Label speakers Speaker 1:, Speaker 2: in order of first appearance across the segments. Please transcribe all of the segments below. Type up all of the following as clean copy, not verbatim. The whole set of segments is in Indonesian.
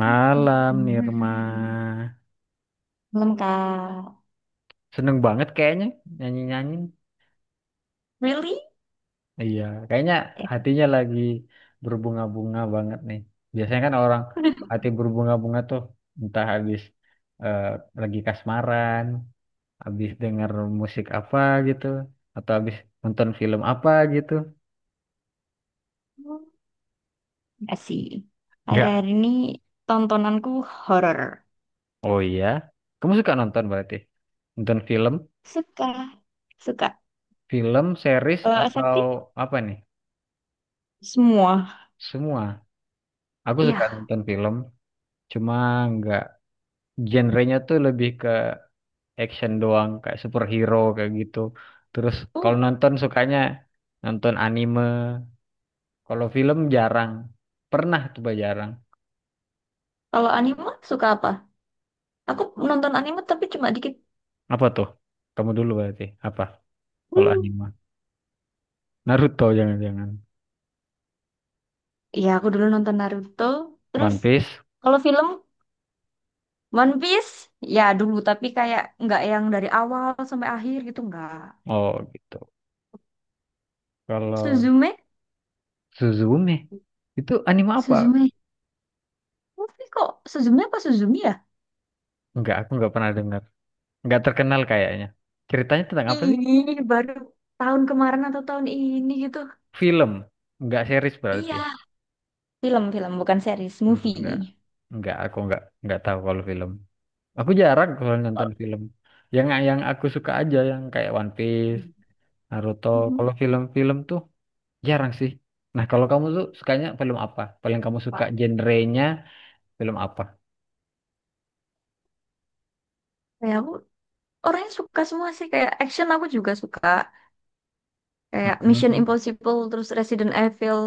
Speaker 1: Malam, Nirma.
Speaker 2: Belum, Kak.
Speaker 1: Seneng banget kayaknya nyanyi-nyanyi.
Speaker 2: Really?
Speaker 1: Iya, kayaknya
Speaker 2: Ya,
Speaker 1: hatinya lagi berbunga-bunga banget nih. Biasanya kan orang hati berbunga-bunga tuh entah habis eh, lagi kasmaran, habis denger musik apa gitu, atau habis nonton film apa gitu.
Speaker 2: nggak sih. Akhir-akhir
Speaker 1: Enggak.
Speaker 2: ini tontonanku horor.
Speaker 1: Oh iya. Kamu suka nonton berarti? Nonton film,
Speaker 2: Suka, suka.
Speaker 1: film, series
Speaker 2: Kalau efektif
Speaker 1: atau apa nih?
Speaker 2: semua.
Speaker 1: Semua. Aku suka
Speaker 2: Iya.
Speaker 1: nonton film, cuma nggak. Genrenya tuh lebih ke action doang, kayak superhero kayak gitu. Terus kalau
Speaker 2: Oh,
Speaker 1: nonton sukanya nonton anime. Kalau film jarang. Pernah coba jarang.
Speaker 2: kalau anime suka apa? Aku nonton anime tapi cuma dikit.
Speaker 1: Apa tuh? Kamu dulu berarti. Apa? Kalau
Speaker 2: Hmm.
Speaker 1: anime. Naruto jangan-jangan.
Speaker 2: Iya, aku dulu nonton Naruto. Terus
Speaker 1: One Piece.
Speaker 2: kalau film One Piece, ya dulu. Tapi kayak nggak yang dari awal sampai akhir gitu, nggak.
Speaker 1: Oh gitu. Kalau
Speaker 2: Suzume?
Speaker 1: Suzume. Itu anime apa?
Speaker 2: Suzume? Tapi kok Suzumi apa Suzumi ya?
Speaker 1: Enggak, aku enggak pernah dengar. Enggak terkenal kayaknya. Ceritanya tentang apa sih?
Speaker 2: Ih, baru tahun kemarin atau tahun ini gitu.
Speaker 1: Film. Enggak series berarti.
Speaker 2: Iya, film-film bukan series,
Speaker 1: Hmm,
Speaker 2: movie.
Speaker 1: enggak. Enggak, aku enggak tahu kalau film. Aku jarang kalau nonton film. Yang aku suka aja yang kayak One Piece, Naruto. Kalau
Speaker 2: Mhm.
Speaker 1: film-film tuh jarang sih. Nah, kalau kamu tuh sukanya film apa? Paling kamu suka
Speaker 2: Pak.
Speaker 1: genrenya film apa?
Speaker 2: Kayak aku orangnya suka semua sih, kayak action aku juga suka, kayak Mission
Speaker 1: Mhm.
Speaker 2: Impossible, terus Resident Evil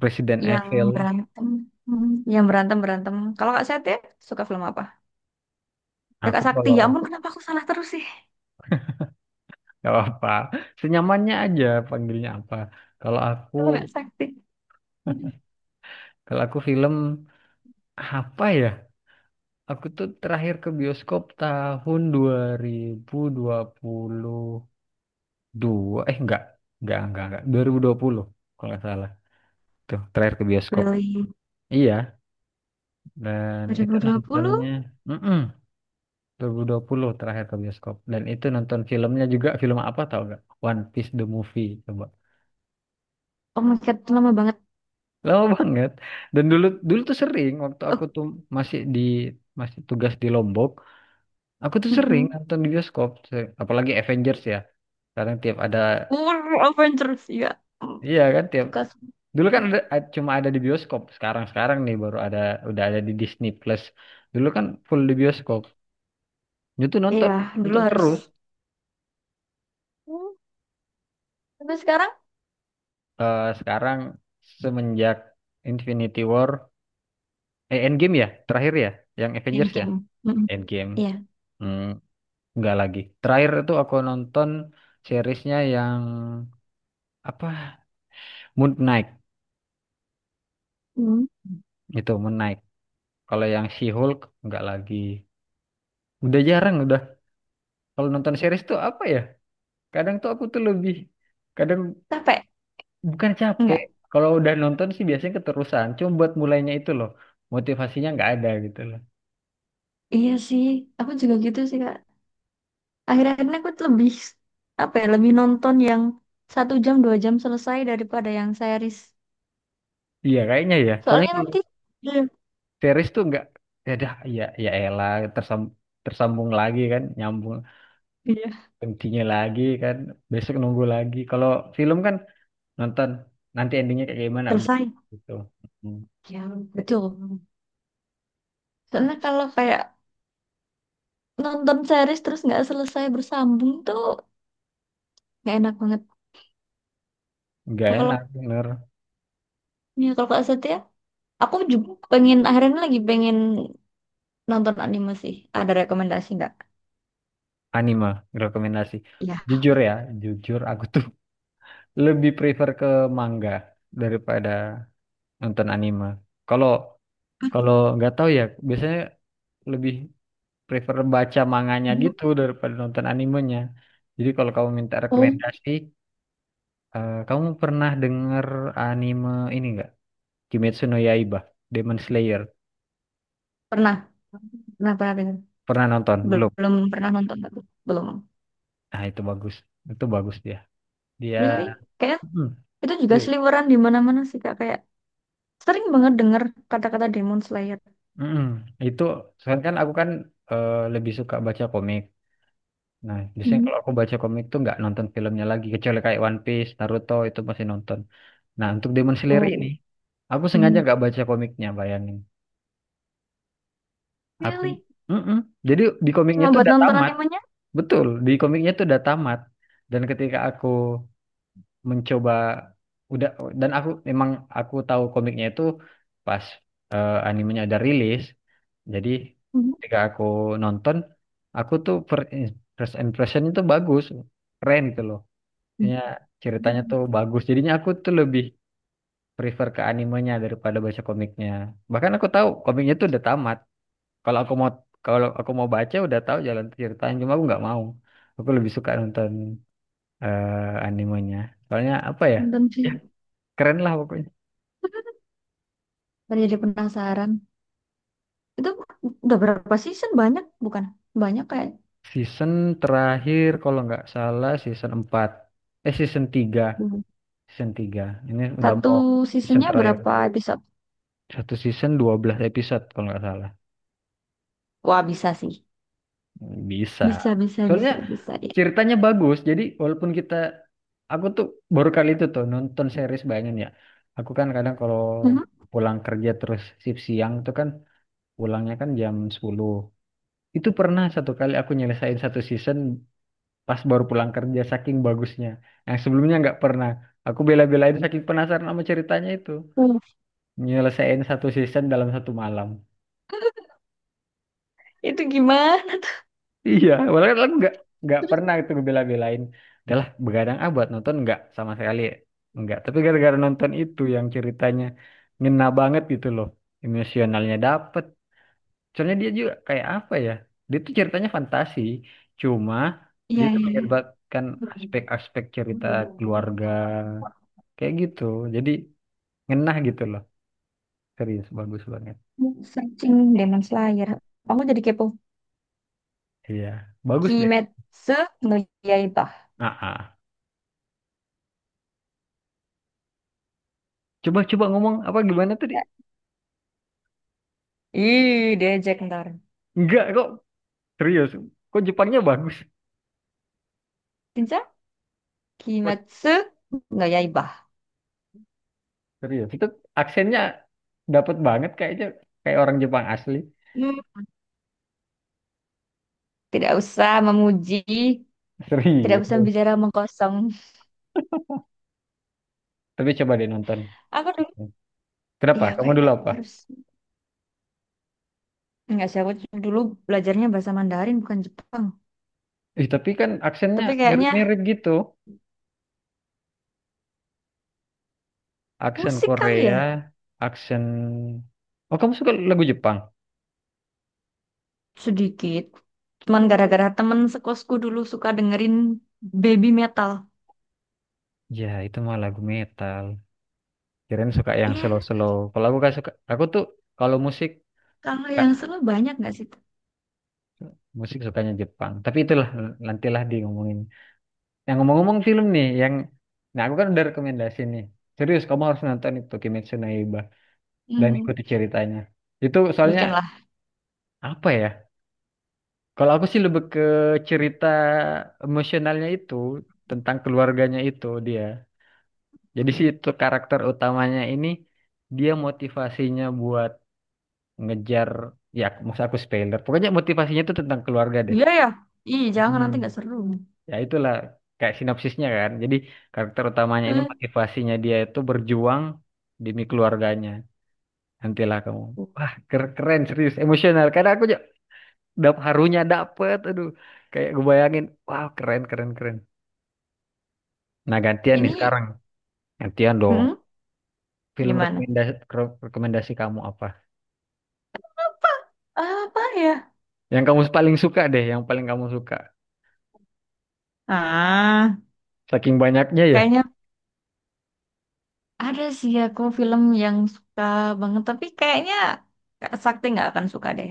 Speaker 1: Resident
Speaker 2: yang
Speaker 1: Evil.
Speaker 2: berantem. Yang berantem berantem, kalau Kak Seth ya, suka film apa ya,
Speaker 1: Aku
Speaker 2: Kak Sakti,
Speaker 1: kalau
Speaker 2: ya ampun kenapa aku salah terus sih?
Speaker 1: gak apa, senyamannya aja panggilnya apa. Kalau aku
Speaker 2: Kalau Kak Sakti, aduh,
Speaker 1: kalau aku film apa ya? Aku tuh terakhir ke bioskop tahun 2020, dua, enggak, 2020 kalau nggak salah, tuh terakhir ke bioskop.
Speaker 2: Brilli,
Speaker 1: Iya, dan itu
Speaker 2: 2020,
Speaker 1: nontonnya, mm 2020, terakhir ke bioskop. Dan itu nonton filmnya juga, film apa tau gak? One Piece the Movie, coba.
Speaker 2: oh my god, lama banget.
Speaker 1: Lama banget. Dan dulu dulu tuh sering, waktu
Speaker 2: Oh.
Speaker 1: aku tuh masih di masih tugas di Lombok. Aku tuh sering
Speaker 2: Mhm.
Speaker 1: nonton di bioskop, apalagi Avengers ya, sekarang tiap ada,
Speaker 2: Avengers ya. Mm,
Speaker 1: iya kan, tiap
Speaker 2: Suka, suka.
Speaker 1: dulu kan ada, cuma ada di bioskop. Sekarang-sekarang nih baru ada, udah ada di Disney Plus. Dulu kan full di bioskop. Itu tuh nonton
Speaker 2: Iya, dulu
Speaker 1: nonton
Speaker 2: harus.
Speaker 1: terus.
Speaker 2: Mm, Tapi sekarang
Speaker 1: Eh, sekarang semenjak Infinity War, eh Endgame ya, terakhir ya, yang Avengers ya,
Speaker 2: game-game. Mm,
Speaker 1: Endgame.
Speaker 2: Iya.
Speaker 1: Hmm, enggak lagi. Terakhir itu aku nonton seriesnya yang apa? Moon Knight.
Speaker 2: Mm.
Speaker 1: Itu Moon Knight. Kalau yang She-Hulk nggak lagi. Udah jarang udah. Kalau nonton series tuh apa ya? Kadang tuh aku tuh lebih kadang.
Speaker 2: Capek?
Speaker 1: Bukan capek.
Speaker 2: Enggak.
Speaker 1: Kalau udah nonton sih biasanya keterusan. Cuma buat mulainya itu loh. Motivasinya nggak ada gitu loh.
Speaker 2: Iya sih, aku juga gitu sih, Kak. Akhir-akhirnya aku tuh lebih, apa ya, lebih nonton yang 1 jam, 2 jam selesai daripada yang series.
Speaker 1: Iya kayaknya ya. Soalnya
Speaker 2: Soalnya
Speaker 1: kalau
Speaker 2: nanti, iya,
Speaker 1: series tuh nggak. Ya dah, ya, ya elah. Tersambung lagi kan. Nyambung.
Speaker 2: iya,
Speaker 1: Intinya lagi kan. Besok nunggu lagi. Kalau film kan nonton. Nanti endingnya kayak gimana udah.
Speaker 2: selesai.
Speaker 1: Gitu. Hmm.
Speaker 2: Ya, betul. Soalnya kalau kayak nonton series terus nggak selesai bersambung tuh nggak enak banget.
Speaker 1: Nggak
Speaker 2: Kalau
Speaker 1: enak bener.
Speaker 2: ya, kalau Kak Setia, aku juga pengen akhirnya lagi pengen nonton anime sih. Ada rekomendasi nggak?
Speaker 1: Anime rekomendasi.
Speaker 2: Iya.
Speaker 1: Jujur ya. Jujur aku tuh lebih prefer ke manga. Daripada nonton anime. Kalau Kalau nggak tahu ya, biasanya lebih prefer baca manganya
Speaker 2: Belum.
Speaker 1: gitu daripada nonton animenya. Jadi kalau kamu minta
Speaker 2: Oh,
Speaker 1: rekomendasi, kamu pernah dengar anime ini nggak? Kimetsu no Yaiba, Demon Slayer.
Speaker 2: pernah. Pernah dengar.
Speaker 1: Pernah nonton? Belum?
Speaker 2: Belum pernah nonton, tapi belum.
Speaker 1: Nah, itu bagus. Itu bagus dia. Dia
Speaker 2: Really? Kayak
Speaker 1: Mm,
Speaker 2: itu juga
Speaker 1: real.
Speaker 2: seliweran di mana-mana sih, Kak. Kayak sering banget denger kata-kata Demon Slayer.
Speaker 1: Mm-mm. Itu soalnya kan aku kan lebih suka baca komik. Nah, biasanya
Speaker 2: Hmm.
Speaker 1: kalau aku baca komik tuh nggak nonton filmnya lagi, kecuali kayak One Piece, Naruto itu masih nonton. Nah, untuk Demon Slayer ini,
Speaker 2: Oh.
Speaker 1: aku sengaja
Speaker 2: Hmm.
Speaker 1: gak baca komiknya, bayangin. Aku,
Speaker 2: Really?
Speaker 1: Mm-mm. Jadi di komiknya
Speaker 2: Cuma
Speaker 1: tuh
Speaker 2: buat
Speaker 1: udah
Speaker 2: nonton
Speaker 1: tamat,
Speaker 2: animenya?
Speaker 1: betul. Di komiknya tuh udah tamat. Dan ketika aku mencoba, udah, dan aku memang aku tahu komiknya itu pas animenya ada rilis. Jadi
Speaker 2: Hmm.
Speaker 1: ketika aku nonton, aku tuh first impression itu bagus, keren gitu loh. Maksudnya ceritanya
Speaker 2: Hmm.
Speaker 1: tuh bagus. Jadinya aku tuh lebih prefer ke animenya daripada baca komiknya. Bahkan aku tahu komiknya tuh udah tamat. Kalau aku mau kalau aku mau baca udah tahu jalan ceritanya, cuma aku nggak mau. Aku lebih suka nonton animenya. Soalnya apa ya?
Speaker 2: Nonton
Speaker 1: Ya,
Speaker 2: sih.
Speaker 1: keren lah pokoknya.
Speaker 2: Baru jadi penasaran. Itu udah berapa season? Banyak bukan? Banyak kayak.
Speaker 1: Season terakhir kalau nggak salah season 4. Eh season tiga,
Speaker 2: Hmm.
Speaker 1: season tiga. Ini udah
Speaker 2: Satu
Speaker 1: mau season
Speaker 2: seasonnya
Speaker 1: terakhir.
Speaker 2: berapa episode?
Speaker 1: Satu season 12 episode kalau nggak salah.
Speaker 2: Wah, bisa sih.
Speaker 1: Bisa.
Speaker 2: Bisa, bisa,
Speaker 1: Soalnya
Speaker 2: bisa, bisa deh.
Speaker 1: ceritanya bagus. Jadi walaupun kita aku tuh baru kali itu tuh nonton series Banyan ya. Aku kan kadang kalau
Speaker 2: Mhm.
Speaker 1: pulang kerja terus shift siang tuh kan pulangnya kan jam 10. Itu pernah satu kali aku nyelesain satu season pas baru pulang kerja saking bagusnya. Yang sebelumnya nggak pernah. Aku bela-belain saking penasaran sama ceritanya itu.
Speaker 2: Hmm.
Speaker 1: Nyelesain satu season dalam satu malam.
Speaker 2: Itu gimana?
Speaker 1: Iya, padahal kan nggak pernah itu gue bela-belain. Udahlah, begadang ah buat nonton nggak sama sekali, nggak. Tapi gara-gara nonton itu yang ceritanya ngena banget gitu loh, emosionalnya dapet. Soalnya dia juga kayak apa ya? Dia tuh ceritanya fantasi, cuma dia
Speaker 2: Iya,
Speaker 1: tuh
Speaker 2: iya.
Speaker 1: menyerbatkan aspek-aspek cerita keluarga kayak gitu. Jadi ngena gitu loh, serius bagus banget.
Speaker 2: Searching Demon Slayer. Aku jadi kepo.
Speaker 1: Iya, bagus deh.
Speaker 2: Kimetsu no Yaiba.
Speaker 1: Ah, ah. Coba-coba ngomong apa gimana tadi?
Speaker 2: Ih, diajak ntar.
Speaker 1: Enggak kok. Serius, kok Jepangnya bagus?
Speaker 2: Cinca? Kimetsu no Yaiba.
Speaker 1: Serius, itu aksennya dapat banget kayaknya, kayak orang Jepang asli.
Speaker 2: Hmm. Tidak usah memuji, tidak
Speaker 1: Serius.
Speaker 2: usah bicara mengkosong.
Speaker 1: Tapi coba deh nonton.
Speaker 2: Aku dulu,
Speaker 1: Kenapa?
Speaker 2: ya
Speaker 1: Kamu
Speaker 2: kayaknya
Speaker 1: dulu apa?
Speaker 2: harus. Enggak sih, aku dulu belajarnya bahasa Mandarin bukan Jepang.
Speaker 1: Ih, tapi kan aksennya
Speaker 2: Tapi kayaknya
Speaker 1: mirip-mirip gitu. Aksen
Speaker 2: musik kali ya,
Speaker 1: Korea, aksen. Oh, kamu suka lagu Jepang?
Speaker 2: sedikit. Cuman gara-gara temen sekosku dulu suka dengerin baby metal.
Speaker 1: Ya, itu mah lagu metal. Kirain suka yang
Speaker 2: Iya,
Speaker 1: slow-slow. Kalau aku gak suka, aku tuh kalau musik,
Speaker 2: kalau
Speaker 1: Kak,
Speaker 2: yang seru banyak nggak sih?
Speaker 1: musik sukanya Jepang. Tapi itulah, nantilah di ngomongin. Yang ngomong-ngomong film nih, yang nah aku kan udah rekomendasi nih. Serius, kamu harus nonton itu Kimetsu no Yaiba dan
Speaker 2: Hmm,
Speaker 1: ikuti ceritanya. Itu soalnya
Speaker 2: Weekend lah.
Speaker 1: apa ya? Kalau aku sih lebih ke cerita emosionalnya itu tentang keluarganya itu dia. Jadi sih itu karakter utamanya ini dia motivasinya buat ngejar, ya maksud aku spoiler. Pokoknya motivasinya itu tentang keluarga deh.
Speaker 2: Iya ya, iya jangan
Speaker 1: Hmm.
Speaker 2: nanti nggak seru.
Speaker 1: Ya itulah kayak sinopsisnya kan. Jadi karakter utamanya ini
Speaker 2: Eh,
Speaker 1: motivasinya dia itu berjuang demi keluarganya. Nantilah kamu. Wah, keren, serius emosional. Karena aku ja- dap harunya dapet, aduh. Kayak gue bayangin, wow keren keren keren. Nah gantian nih
Speaker 2: ini
Speaker 1: sekarang, gantian dong.
Speaker 2: hmm,
Speaker 1: Film
Speaker 2: gimana?
Speaker 1: rekomendasi rekomendasi kamu apa?
Speaker 2: Apa ya?
Speaker 1: Yang kamu paling suka deh, yang paling kamu suka.
Speaker 2: Ah,
Speaker 1: Saking banyaknya ya.
Speaker 2: kayaknya ada sih aku film yang suka banget, tapi kayaknya Kak Sakti nggak akan suka deh.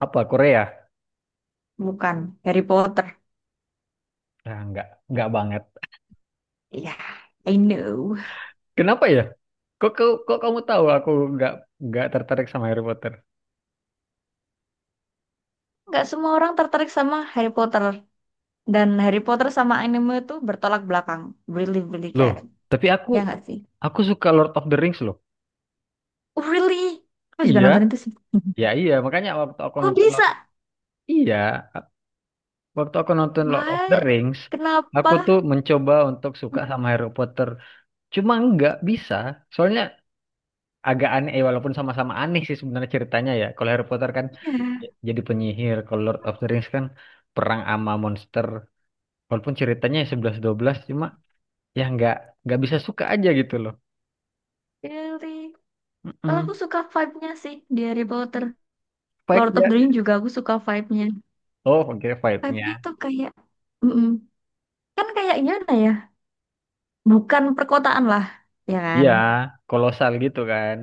Speaker 1: Apa Korea?
Speaker 2: Bukan Harry Potter.
Speaker 1: Nah, enggak banget.
Speaker 2: Ya, I know.
Speaker 1: Kenapa ya? Kok, kamu tahu aku enggak nggak tertarik sama Harry Potter.
Speaker 2: Nggak semua orang tertarik sama Harry Potter. Dan Harry Potter sama anime itu bertolak belakang. Really, really
Speaker 1: Loh,
Speaker 2: kayak.
Speaker 1: tapi aku
Speaker 2: Ya nggak sih?
Speaker 1: suka Lord of the Rings loh.
Speaker 2: Oh, really? Aku juga
Speaker 1: Iya,
Speaker 2: nonton itu sih.
Speaker 1: ya iya. Makanya waktu aku
Speaker 2: Kok
Speaker 1: nonton Lord,
Speaker 2: bisa?
Speaker 1: iya, waktu aku nonton Lord of the
Speaker 2: Why?
Speaker 1: Rings,
Speaker 2: Kenapa?
Speaker 1: aku tuh mencoba untuk suka sama Harry Potter. Cuma nggak bisa, soalnya agak aneh. Walaupun sama-sama aneh sih sebenarnya ceritanya ya. Kalau Harry Potter kan
Speaker 2: Ya,
Speaker 1: jadi penyihir, kalau Lord of the Rings kan perang ama monster. Walaupun ceritanya ya sebelas dua belas, cuma ya nggak bisa suka aja gitu loh.
Speaker 2: really. Kalau
Speaker 1: Mm-mm.
Speaker 2: aku suka vibe-nya sih di Harry Potter. Lord of
Speaker 1: Vibe-nya.
Speaker 2: the Rings juga aku suka vibe-nya.
Speaker 1: Oh, oke,
Speaker 2: Vibe-nya
Speaker 1: vibe-nya.
Speaker 2: tuh kayak mm-mm. Kan kayak gimana ya? Bukan perkotaan lah. Ya kan?
Speaker 1: Iya, kolosal gitu kan.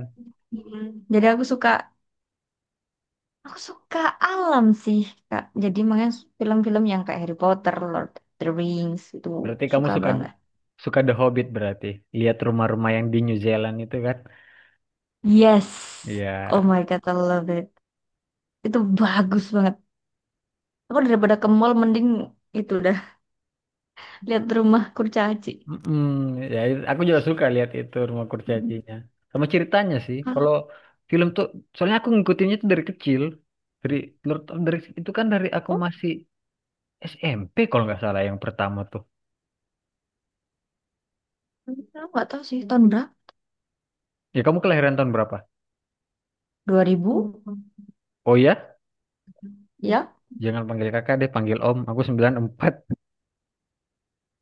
Speaker 2: Mm. Jadi aku suka alam sih, Kak. Jadi makanya film-film yang kayak Harry Potter, Lord of the Rings itu
Speaker 1: Berarti kamu
Speaker 2: suka
Speaker 1: suka
Speaker 2: banget.
Speaker 1: suka The Hobbit berarti. Lihat rumah-rumah yang di New Zealand itu kan.
Speaker 2: Yes.
Speaker 1: Iya.
Speaker 2: Oh my God, I love it. Itu bagus banget. Aku daripada ke mall mending itu dah lihat rumah kurcaci.
Speaker 1: Mm-mm. Ya, aku juga suka lihat itu rumah kurcacinya. Sama ceritanya sih. Kalau
Speaker 2: Hah?
Speaker 1: film tuh, soalnya aku ngikutinnya tuh dari kecil. Dari Lord of the Rings itu kan dari aku
Speaker 2: Oh,
Speaker 1: masih SMP kalau nggak salah yang pertama tuh.
Speaker 2: aku nggak tahu sih tahun berapa.
Speaker 1: Ya kamu kelahiran tahun berapa?
Speaker 2: 2000.
Speaker 1: Oh ya,
Speaker 2: Ya?
Speaker 1: jangan panggil kakak deh, panggil om. Aku 94.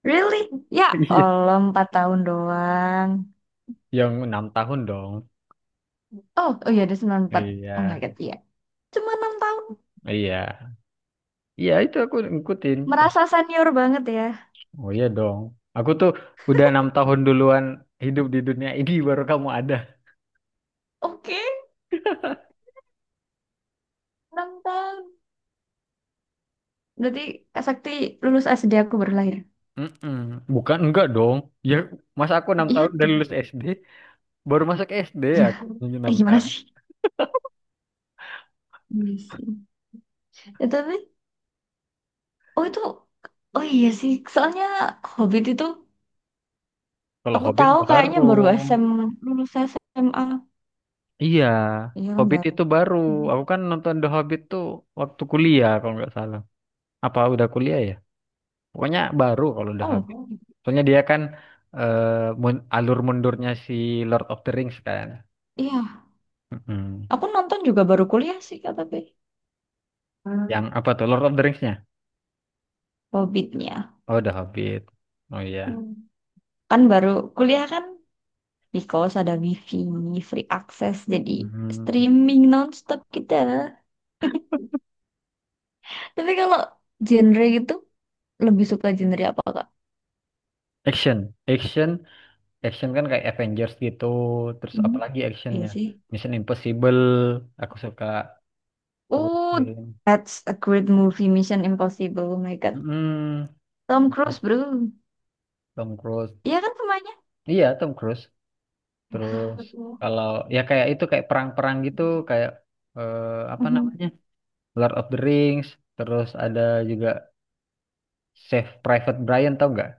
Speaker 2: Really? Ya
Speaker 1: Iya.
Speaker 2: Allah, 4 tahun doang.
Speaker 1: Yang 6 tahun dong.
Speaker 2: Oh, oh iya, ada 94. Oh my
Speaker 1: Iya.
Speaker 2: God, iya. Cuma 6 tahun.
Speaker 1: Iya. Iya itu aku ngikutin pas.
Speaker 2: Merasa senior banget ya.
Speaker 1: Oh iya dong. Aku tuh udah 6 tahun duluan hidup di dunia ini, baru kamu ada.
Speaker 2: Oke, 6 tahun. Berarti Kak Sakti lulus SD aku baru lahir.
Speaker 1: Mm-mm. Bukan enggak dong. Ya masa aku enam
Speaker 2: Iya,
Speaker 1: tahun udah
Speaker 2: dong.
Speaker 1: lulus SD, baru masuk SD
Speaker 2: Iya.
Speaker 1: aku
Speaker 2: Eh
Speaker 1: enam
Speaker 2: gimana
Speaker 1: tahun.
Speaker 2: sih? Iya sih. Ya, tapi, oh itu, oh iya sih. Soalnya Hobbit itu
Speaker 1: Kalau
Speaker 2: aku
Speaker 1: Hobbit
Speaker 2: tahu kayaknya
Speaker 1: baru.
Speaker 2: baru lulus SMA.
Speaker 1: Iya.
Speaker 2: Iya kan
Speaker 1: Hobbit
Speaker 2: baru.
Speaker 1: itu baru. Aku kan nonton The Hobbit tuh waktu kuliah kalau nggak salah. Apa udah kuliah ya? Pokoknya baru kalau The Hobbit.
Speaker 2: Oh
Speaker 1: Soalnya dia kan eh, alur mundurnya si Lord of the Rings kan.
Speaker 2: iya,
Speaker 1: Mm-mm.
Speaker 2: aku nonton juga baru kuliah sih, Kak, tapi
Speaker 1: Yang apa tuh? Lord of the Rings-nya?
Speaker 2: Hobbitnya.
Speaker 1: Oh, The Hobbit. Oh iya.
Speaker 2: Kan baru kuliah kan, because ada wifi, free access, jadi
Speaker 1: Hmm.
Speaker 2: streaming nonstop kita. Tapi kalau genre gitu, lebih suka genre apa, Kak?
Speaker 1: Action. Action. Action kan kayak Avengers gitu. Terus
Speaker 2: Mhm.
Speaker 1: apalagi
Speaker 2: Iya
Speaker 1: actionnya?
Speaker 2: sih.
Speaker 1: Mission Impossible. Aku suka. Terus
Speaker 2: Oh,
Speaker 1: film.
Speaker 2: that's a great movie, Mission Impossible. Oh my God.
Speaker 1: Mm-mm.
Speaker 2: Tom Cruise,
Speaker 1: Terus
Speaker 2: bro.
Speaker 1: Tom Cruise.
Speaker 2: Iya kan semuanya?
Speaker 1: Iya, Tom Cruise. Terus kalau ya kayak itu kayak perang-perang gitu, kayak eh, apa
Speaker 2: Mhm.
Speaker 1: namanya? Lord of the Rings. Terus ada juga Save Private Brian tau nggak?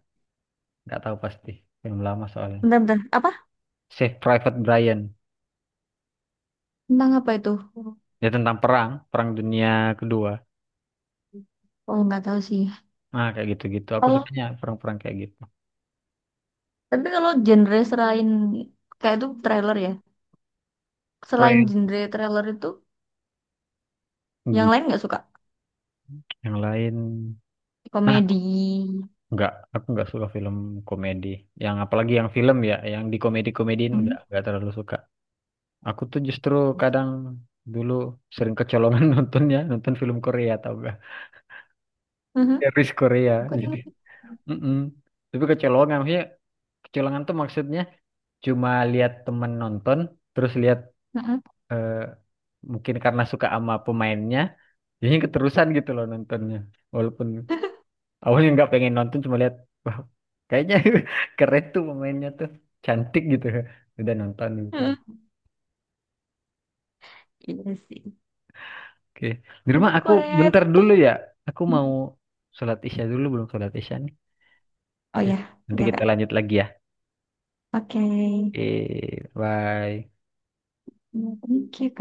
Speaker 1: Nggak tahu pasti. Film lama soalnya.
Speaker 2: Bentar-bentar. Apa?
Speaker 1: Save Private Brian.
Speaker 2: Tentang apa itu?
Speaker 1: Ya tentang perang, perang dunia kedua.
Speaker 2: Oh, nggak tahu sih.
Speaker 1: Nah, kayak gitu-gitu. Aku
Speaker 2: Kalau,
Speaker 1: sukanya perang-perang kayak gitu.
Speaker 2: tapi kalau genre selain kayak itu trailer ya. Selain
Speaker 1: Keren.
Speaker 2: genre trailer itu,
Speaker 1: Hmm,
Speaker 2: yang lain nggak suka?
Speaker 1: yang lain. Nah,
Speaker 2: Komedi.
Speaker 1: enggak. Aku enggak suka film komedi. Yang apalagi yang film ya, yang di komedi-komediin,
Speaker 2: Mhm.
Speaker 1: enggak terlalu suka. Aku tuh justru kadang dulu sering kecolongan nontonnya, nonton film Korea tau gak?
Speaker 2: Mhm.
Speaker 1: Series Korea. Jadi.
Speaker 2: Korea.
Speaker 1: mm Tapi kecolongan, maksudnya, kecolongan tuh maksudnya cuma lihat temen nonton, terus lihat
Speaker 2: Mhm.
Speaker 1: eh, mungkin karena suka sama pemainnya. Jadinya keterusan gitu loh nontonnya. Walaupun awalnya nggak pengen nonton, cuma lihat, wah kayaknya keren tuh pemainnya tuh, cantik gitu. Udah nonton gitu.
Speaker 2: Mhm. Iya sih.
Speaker 1: Oke. Di
Speaker 2: Tapi
Speaker 1: rumah aku
Speaker 2: Korea
Speaker 1: bentar
Speaker 2: itu,
Speaker 1: dulu ya. Aku mau sholat isya dulu, belum sholat isya nih.
Speaker 2: oh
Speaker 1: Ya.
Speaker 2: ya,
Speaker 1: Nanti
Speaker 2: ya
Speaker 1: kita
Speaker 2: Kak.
Speaker 1: lanjut lagi ya.
Speaker 2: Oke,
Speaker 1: Eh, bye.
Speaker 2: ini kita